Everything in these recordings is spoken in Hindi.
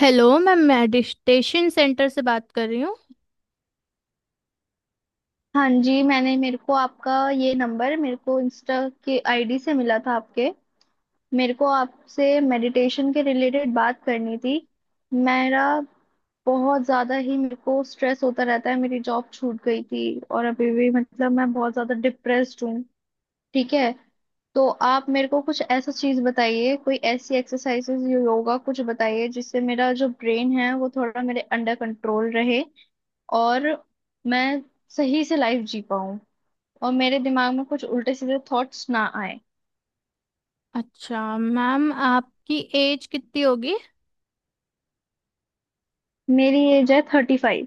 हेलो मैम, मेडिटेशन सेंटर से बात कर रही हूँ। हाँ जी। मैंने मेरे को आपका ये नंबर मेरे को इंस्टा के आईडी से मिला था आपके। मेरे को आपसे मेडिटेशन के रिलेटेड बात करनी थी। मेरा बहुत ज़्यादा ही मेरे को स्ट्रेस होता रहता है। मेरी जॉब छूट गई थी और अभी भी मतलब मैं बहुत ज़्यादा डिप्रेस्ड हूँ। ठीक है। तो आप मेरे को कुछ ऐसा चीज़ बताइए, कोई ऐसी एक्सरसाइजेज, योगा कुछ बताइए जिससे मेरा जो ब्रेन है वो थोड़ा मेरे अंडर कंट्रोल रहे। और मैं सही से लाइफ जी पाऊँ, और मेरे दिमाग में कुछ उल्टे सीधे थॉट्स ना आए। अच्छा मैम, आपकी एज कितनी होगी? मेरी एज है 35।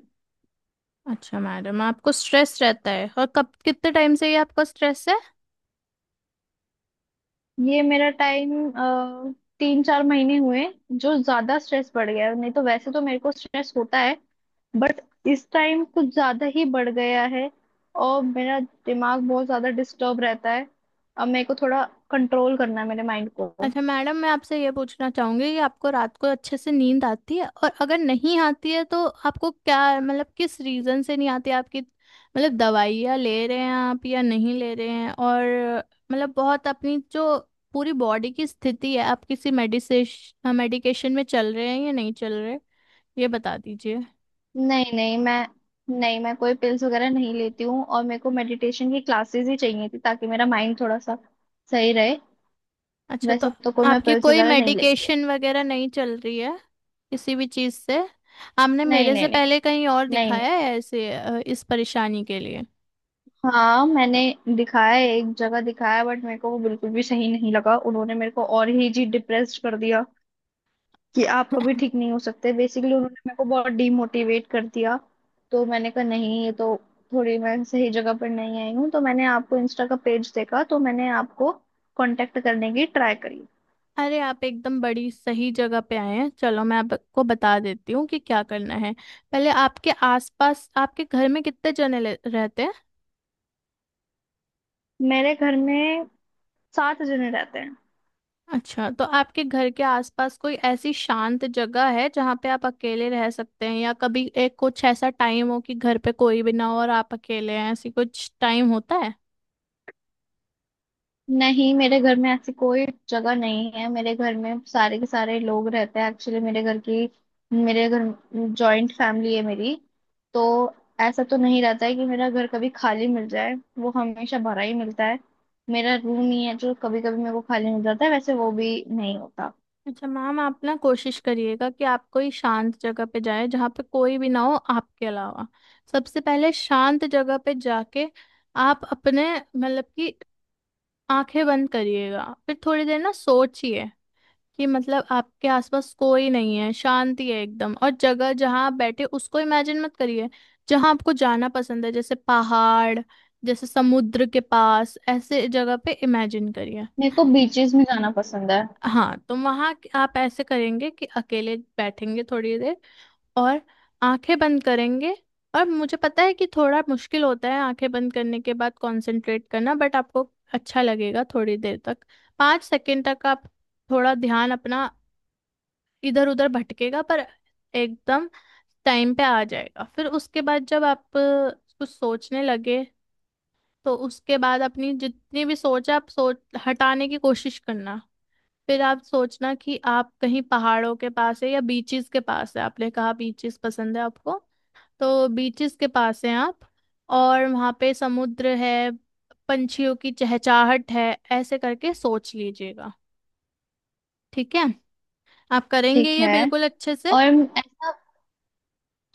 अच्छा मैडम, आपको स्ट्रेस रहता है, और कब, कितने टाइम से ये आपको स्ट्रेस है? ये मेरा टाइम 3-4 महीने हुए जो ज्यादा स्ट्रेस बढ़ गया है। नहीं तो वैसे तो मेरे को स्ट्रेस होता है, बट इस टाइम कुछ ज्यादा ही बढ़ गया है। और मेरा दिमाग बहुत ज्यादा डिस्टर्ब रहता है। अब मेरे को थोड़ा कंट्रोल करना है मेरे माइंड को। अच्छा मैडम, मैं आपसे ये पूछना चाहूंगी कि आपको रात को अच्छे से नींद आती है, और अगर नहीं आती है तो आपको क्या मतलब किस रीजन से नहीं आती है? आपकी मतलब दवाइयाँ ले रहे हैं आप या नहीं ले रहे हैं, और मतलब बहुत अपनी जो पूरी बॉडी की स्थिति है, आप किसी मेडिसेश मेडिकेशन में चल रहे हैं या नहीं चल रहे, ये बता दीजिए। नहीं नहीं, मैं, नहीं मैं कोई पिल्स वगैरह नहीं लेती हूँ। और मेरे को मेडिटेशन की क्लासेस ही चाहिए थी ताकि मेरा माइंड थोड़ा सा सही रहे। अच्छा, तो वैसे तो कोई मैं आपकी पिल्स कोई वगैरह नहीं लेती हूँ। मेडिकेशन वगैरह नहीं चल रही है किसी भी चीज़ से? आपने नहीं मेरे से नहीं नहीं, पहले कहीं और नहीं नहीं। दिखाया है ऐसे इस परेशानी के लिए? हाँ मैंने दिखाया है, एक जगह दिखाया। बट मेरे को वो बिल्कुल भी सही नहीं लगा। उन्होंने मेरे को और ही जी डिप्रेस्ड कर दिया कि आप कभी ठीक नहीं हो सकते। बेसिकली उन्होंने मेरे को बहुत डीमोटिवेट कर दिया। तो मैंने कहा नहीं, ये तो थोड़ी मैं सही जगह पर नहीं आई हूँ। तो मैंने आपको इंस्टा का पेज देखा, तो मैंने आपको कांटेक्ट करने की ट्राई करी। अरे, आप एकदम बड़ी सही जगह पे आए हैं। चलो, मैं आपको बता देती हूँ कि क्या करना है। पहले आपके आसपास आपके घर में कितने जने रहते हैं? मेरे घर में 7 जने रहते हैं। अच्छा, तो आपके घर के आसपास कोई ऐसी शांत जगह है जहाँ पे आप अकेले रह सकते हैं, या कभी एक कुछ ऐसा टाइम हो कि घर पे कोई भी ना हो और आप अकेले हैं, ऐसी कुछ टाइम होता है? नहीं मेरे घर में ऐसी कोई जगह नहीं है। मेरे घर में सारे के सारे लोग रहते हैं। एक्चुअली मेरे घर जॉइंट फैमिली है मेरी। तो ऐसा तो नहीं रहता है कि मेरा घर कभी खाली मिल जाए, वो हमेशा भरा ही मिलता है। मेरा रूम ही है जो कभी कभी मेरे को खाली मिल जाता है, वैसे वो भी नहीं होता। अच्छा मैम, आप ना कोशिश करिएगा कि आप कोई शांत जगह पे जाएं जहाँ पे कोई भी ना हो आपके अलावा। सबसे पहले शांत जगह पे जाके आप अपने मतलब कि आंखें बंद करिएगा, फिर थोड़ी देर ना सोचिए कि मतलब आपके आसपास कोई नहीं है, शांति है एकदम, और जगह जहाँ आप बैठे उसको इमेजिन मत करिए। जहाँ आपको जाना पसंद है, जैसे पहाड़, जैसे समुद्र के पास, ऐसे जगह पे इमेजिन करिए। मेरे को बीचेस में जाना पसंद है। हाँ, तो वहां आप ऐसे करेंगे कि अकेले बैठेंगे थोड़ी देर और आंखें बंद करेंगे। और मुझे पता है कि थोड़ा मुश्किल होता है आंखें बंद करने के बाद कंसंट्रेट करना, बट आपको अच्छा लगेगा थोड़ी देर तक। 5 सेकंड तक आप थोड़ा ध्यान अपना इधर उधर भटकेगा, पर एकदम टाइम पे आ जाएगा। फिर उसके बाद जब आप कुछ सोचने लगे, तो उसके बाद अपनी जितनी भी सोच है आप सोच हटाने की कोशिश करना। फिर आप सोचना कि आप कहीं पहाड़ों के पास है या बीचेस के पास है। आपने कहा बीचेस पसंद है आपको, तो बीचेस के पास हैं आप, और वहाँ पे समुद्र है, पंछियों की चहचहाहट है, ऐसे करके सोच लीजिएगा। ठीक है? आप करेंगे ठीक ये है। बिल्कुल अच्छे से। और ऐसा,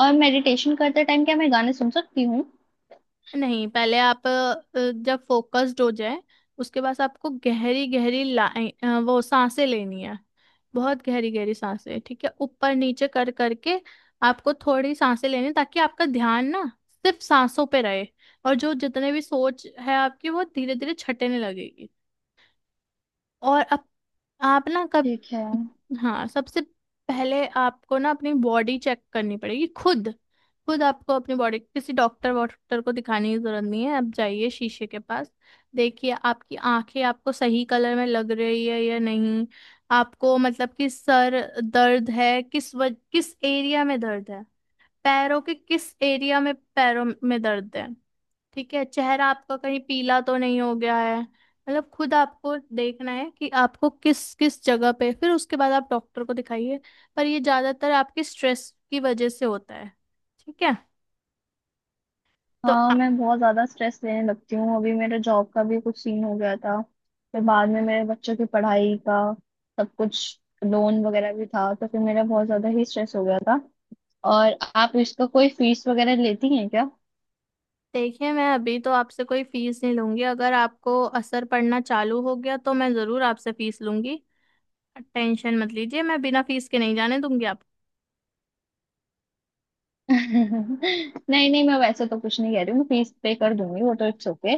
और मेडिटेशन करते टाइम क्या मैं गाने सुन सकती हूँ? नहीं, पहले आप जब फोकस्ड हो जाए, उसके बाद आपको गहरी गहरी लाइन वो सांसें लेनी है। बहुत गहरी गहरी सांसें, ठीक है? ऊपर नीचे कर करके आपको थोड़ी सांसें लेनी है, ताकि आपका ध्यान ना सिर्फ सांसों पे रहे। और जो जितने भी सोच है आपकी वो धीरे धीरे छटने लगेगी। और अब आप ना कब ठीक है। हाँ, सबसे पहले आपको ना अपनी बॉडी चेक करनी पड़ेगी खुद। खुद आपको अपनी बॉडी किसी डॉक्टर वॉक्टर को दिखाने की जरूरत नहीं है। आप जाइए शीशे के पास, देखिए आपकी आंखें आपको सही कलर में लग रही है या नहीं। आपको मतलब कि सर दर्द है, किस एरिया में दर्द है, पैरों के किस एरिया में पैरों में दर्द है। ठीक है? चेहरा आपका कहीं पीला तो नहीं हो गया है, मतलब खुद आपको देखना है कि आपको किस किस जगह पे। फिर उसके बाद आप डॉक्टर को दिखाइए। पर ये ज्यादातर आपके स्ट्रेस की वजह से होता है। ठीक है? तो हाँ आ- मैं बहुत ज्यादा स्ट्रेस लेने लगती हूँ। अभी मेरे जॉब का भी कुछ सीन हो गया था, फिर बाद में मेरे बच्चों की पढ़ाई का, सब कुछ लोन वगैरह भी था, तो फिर मेरा बहुत ज्यादा ही स्ट्रेस हो गया था। और आप इसका कोई फीस वगैरह लेती हैं क्या? देखिए, मैं अभी तो आपसे कोई फीस नहीं लूंगी, अगर आपको असर पड़ना चालू हो गया तो मैं जरूर आपसे फीस लूंगी। टेंशन मत लीजिए, मैं बिना फीस के नहीं जाने दूंगी आप। नहीं नहीं, मैं वैसे तो कुछ नहीं कह रही हूँ, मैं फीस पे कर दूंगी, वो तो इट्स ओके।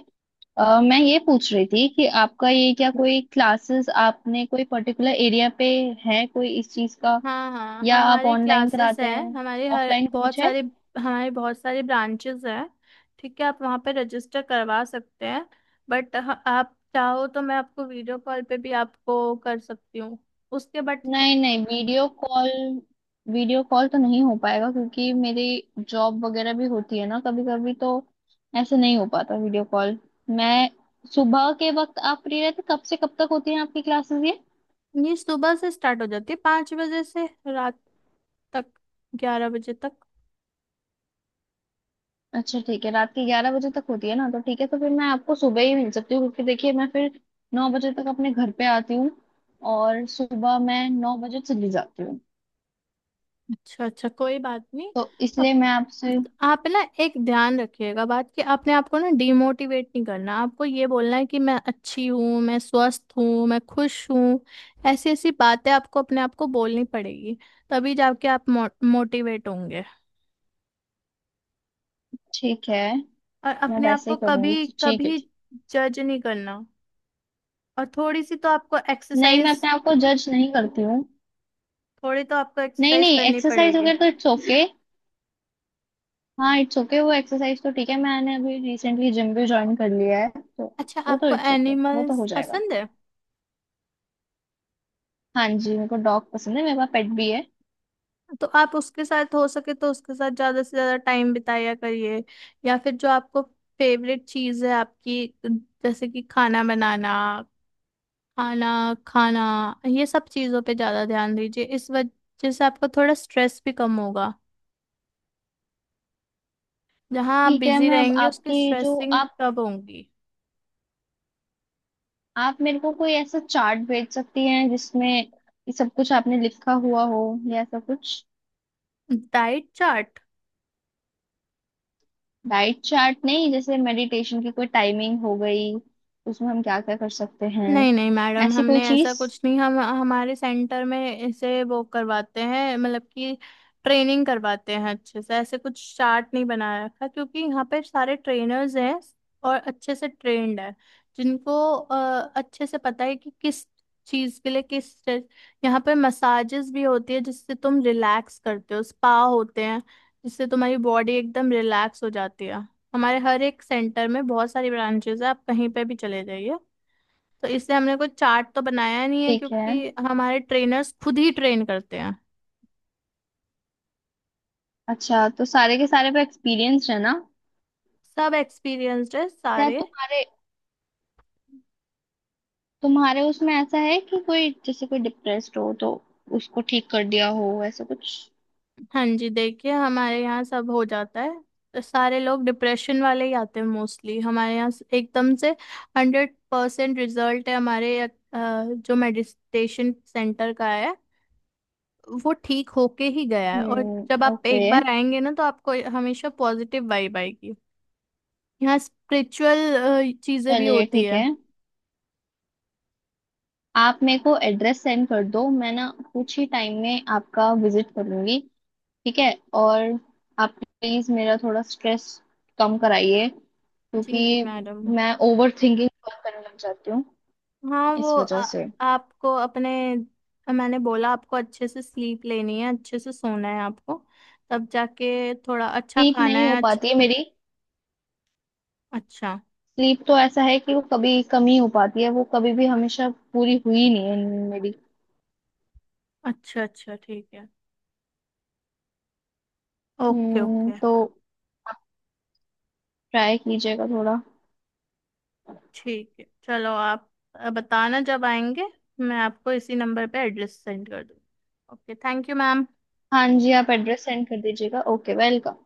मैं ये पूछ रही थी कि आपका ये क्या कोई क्लासेस आपने कोई पर्टिकुलर एरिया पे है कोई इस चीज का, हाँ हाँ, या आप हमारी ऑनलाइन क्लासेस कराते हैं, हैं, ऑफलाइन कुछ है? हमारे बहुत सारे ब्रांचेस हैं। ठीक है, आप वहाँ पे रजिस्टर करवा सकते हैं। बट आप चाहो तो मैं आपको वीडियो कॉल पे भी आपको कर सकती हूँ। उसके बट नहीं नहीं, वीडियो कॉल तो नहीं हो पाएगा क्योंकि मेरी जॉब वगैरह भी होती है ना कभी कभी, तो ऐसे नहीं हो पाता वीडियो कॉल। मैं सुबह के वक्त आप फ्री रहते कब से कब तक होती है आपकी क्लासेस ये? ये सुबह से स्टार्ट हो जाती है, 5 बजे से रात तक, 11 बजे तक। अच्छा ठीक है, रात के 11 बजे तक होती है ना, तो ठीक है, तो फिर मैं आपको सुबह ही मिल सकती हूँ, क्योंकि देखिए मैं फिर 9 बजे तक अपने घर पे आती हूँ, और सुबह मैं 9 बजे चली जाती हूँ। अच्छा अच्छा, कोई बात नहीं। तो इसलिए मैं आपसे। आप ना एक ध्यान रखिएगा बात कि आपने आपको ना डिमोटिवेट नहीं करना, आपको ये बोलना है कि मैं अच्छी हूँ, मैं स्वस्थ हूँ, मैं खुश हूँ। ऐसी ऐसी बातें आपको अपने आप को बोलनी पड़ेगी, तभी जाके आप मोटिवेट होंगे। ठीक है, और मैं अपने आप वैसे को ही करूँगी, कभी तो ठीक है कभी ठीक। जज नहीं करना। और नहीं मैं अपने आप को जज नहीं करती हूँ। थोड़ी तो आपको नहीं एक्सरसाइज नहीं, करनी एक्सरसाइज पड़ेगी। वगैरह तो इट्स ओके। हाँ इट्स ओके, वो एक्सरसाइज तो ठीक है, मैंने अभी रिसेंटली जिम भी ज्वाइन कर लिया है तो। अच्छा, वो तो आपको इट्स ओके, वो तो एनिमल्स हो जाएगा। पसंद है? हाँ जी, मेरे को डॉग पसंद है, मेरे पास पेट भी है। तो आप उसके साथ हो सके तो उसके साथ ज्यादा से ज्यादा टाइम बिताया करिए। या फिर जो आपको फेवरेट चीज है आपकी, जैसे कि खाना बनाना, खाना खाना, ये सब चीजों पे ज्यादा ध्यान दीजिए। इस वजह से आपको थोड़ा स्ट्रेस भी कम होगा। जहाँ आप ठीक है, बिजी मैं अब रहेंगे उसकी आपकी जो स्ट्रेसिंग आप कब होंगी? आप मेरे को कोई ऐसा चार्ट भेज सकती हैं जिसमें ये सब कुछ आपने लिखा हुआ हो, या ऐसा कुछ। Diet chart? डाइट चार्ट नहीं, जैसे मेडिटेशन की कोई टाइमिंग हो गई, उसमें हम क्या क्या कर सकते हैं, नहीं नहीं मैडम, ऐसी कोई हमने ऐसा चीज। कुछ नहीं, हम हमारे सेंटर में इसे वो करवाते हैं मतलब कि ट्रेनिंग करवाते हैं अच्छे से। ऐसे कुछ चार्ट नहीं बना रखा क्योंकि यहाँ पे सारे ट्रेनर्स हैं और अच्छे से ट्रेंड है, जिनको अच्छे से पता है कि किस चीज़ के लिए किस चीज़- यहाँ पे मसाजेस भी होती है जिससे तुम रिलैक्स करते हो, स्पा होते हैं जिससे तुम्हारी बॉडी एकदम रिलैक्स हो जाती है। हमारे हर एक सेंटर में बहुत सारी ब्रांचेस है, आप कहीं पे भी चले जाइए। तो इससे हमने कुछ चार्ट तो बनाया नहीं है ठीक है। क्योंकि हमारे ट्रेनर्स खुद ही ट्रेन करते हैं। अच्छा, तो सारे के सारे पे एक्सपीरियंस है ना? सब एक्सपीरियंस्ड है क्या सारे। तुम्हारे तुम्हारे उसमें ऐसा है कि कोई जैसे कोई डिप्रेस्ड हो तो उसको ठीक कर दिया हो, ऐसा कुछ? हाँ जी, देखिए हमारे यहाँ सब हो जाता है। तो सारे लोग डिप्रेशन वाले ही आते हैं मोस्टली हमारे एकदम से 100% रिजल्ट है हमारे जो मेडिटेशन सेंटर का है, वो ठीक होके ही गया है। और हम्म, जब आप ओके। एक बार आएंगे ना, तो आपको हमेशा पॉजिटिव वाइब आएगी। यहाँ स्पिरिचुअल चीजें भी चलिए होती ठीक है, है। आप मेरे को एड्रेस सेंड कर दो, मैं ना कुछ ही टाइम में आपका विजिट करूंगी। ठीक है। और आप प्लीज मेरा थोड़ा स्ट्रेस कम कराइए, जी जी क्योंकि मैडम। मैं ओवर थिंकिंग करने लग जाती हूँ हाँ, वो इस वजह से। आपको अपने मैंने बोला आपको अच्छे से स्लीप लेनी है, अच्छे से सोना है आपको, तब जाके थोड़ा अच्छा ठीक खाना नहीं हो है। अच्छा पाती है मेरी अच्छा स्लीप। तो ऐसा है कि वो कभी कम ही हो पाती है, वो कभी भी हमेशा पूरी हुई नहीं है नींद मेरी। अच्छा अच्छा, ठीक है। ओके हम्म, ओके। तो आप ट्राई कीजिएगा थोड़ा। ठीक है, चलो आप बताना जब आएंगे, मैं आपको इसी नंबर पे एड्रेस सेंड कर दूँ। Okay, thank you ma'am. हाँ जी, आप एड्रेस सेंड कर दीजिएगा। Okay, welcome.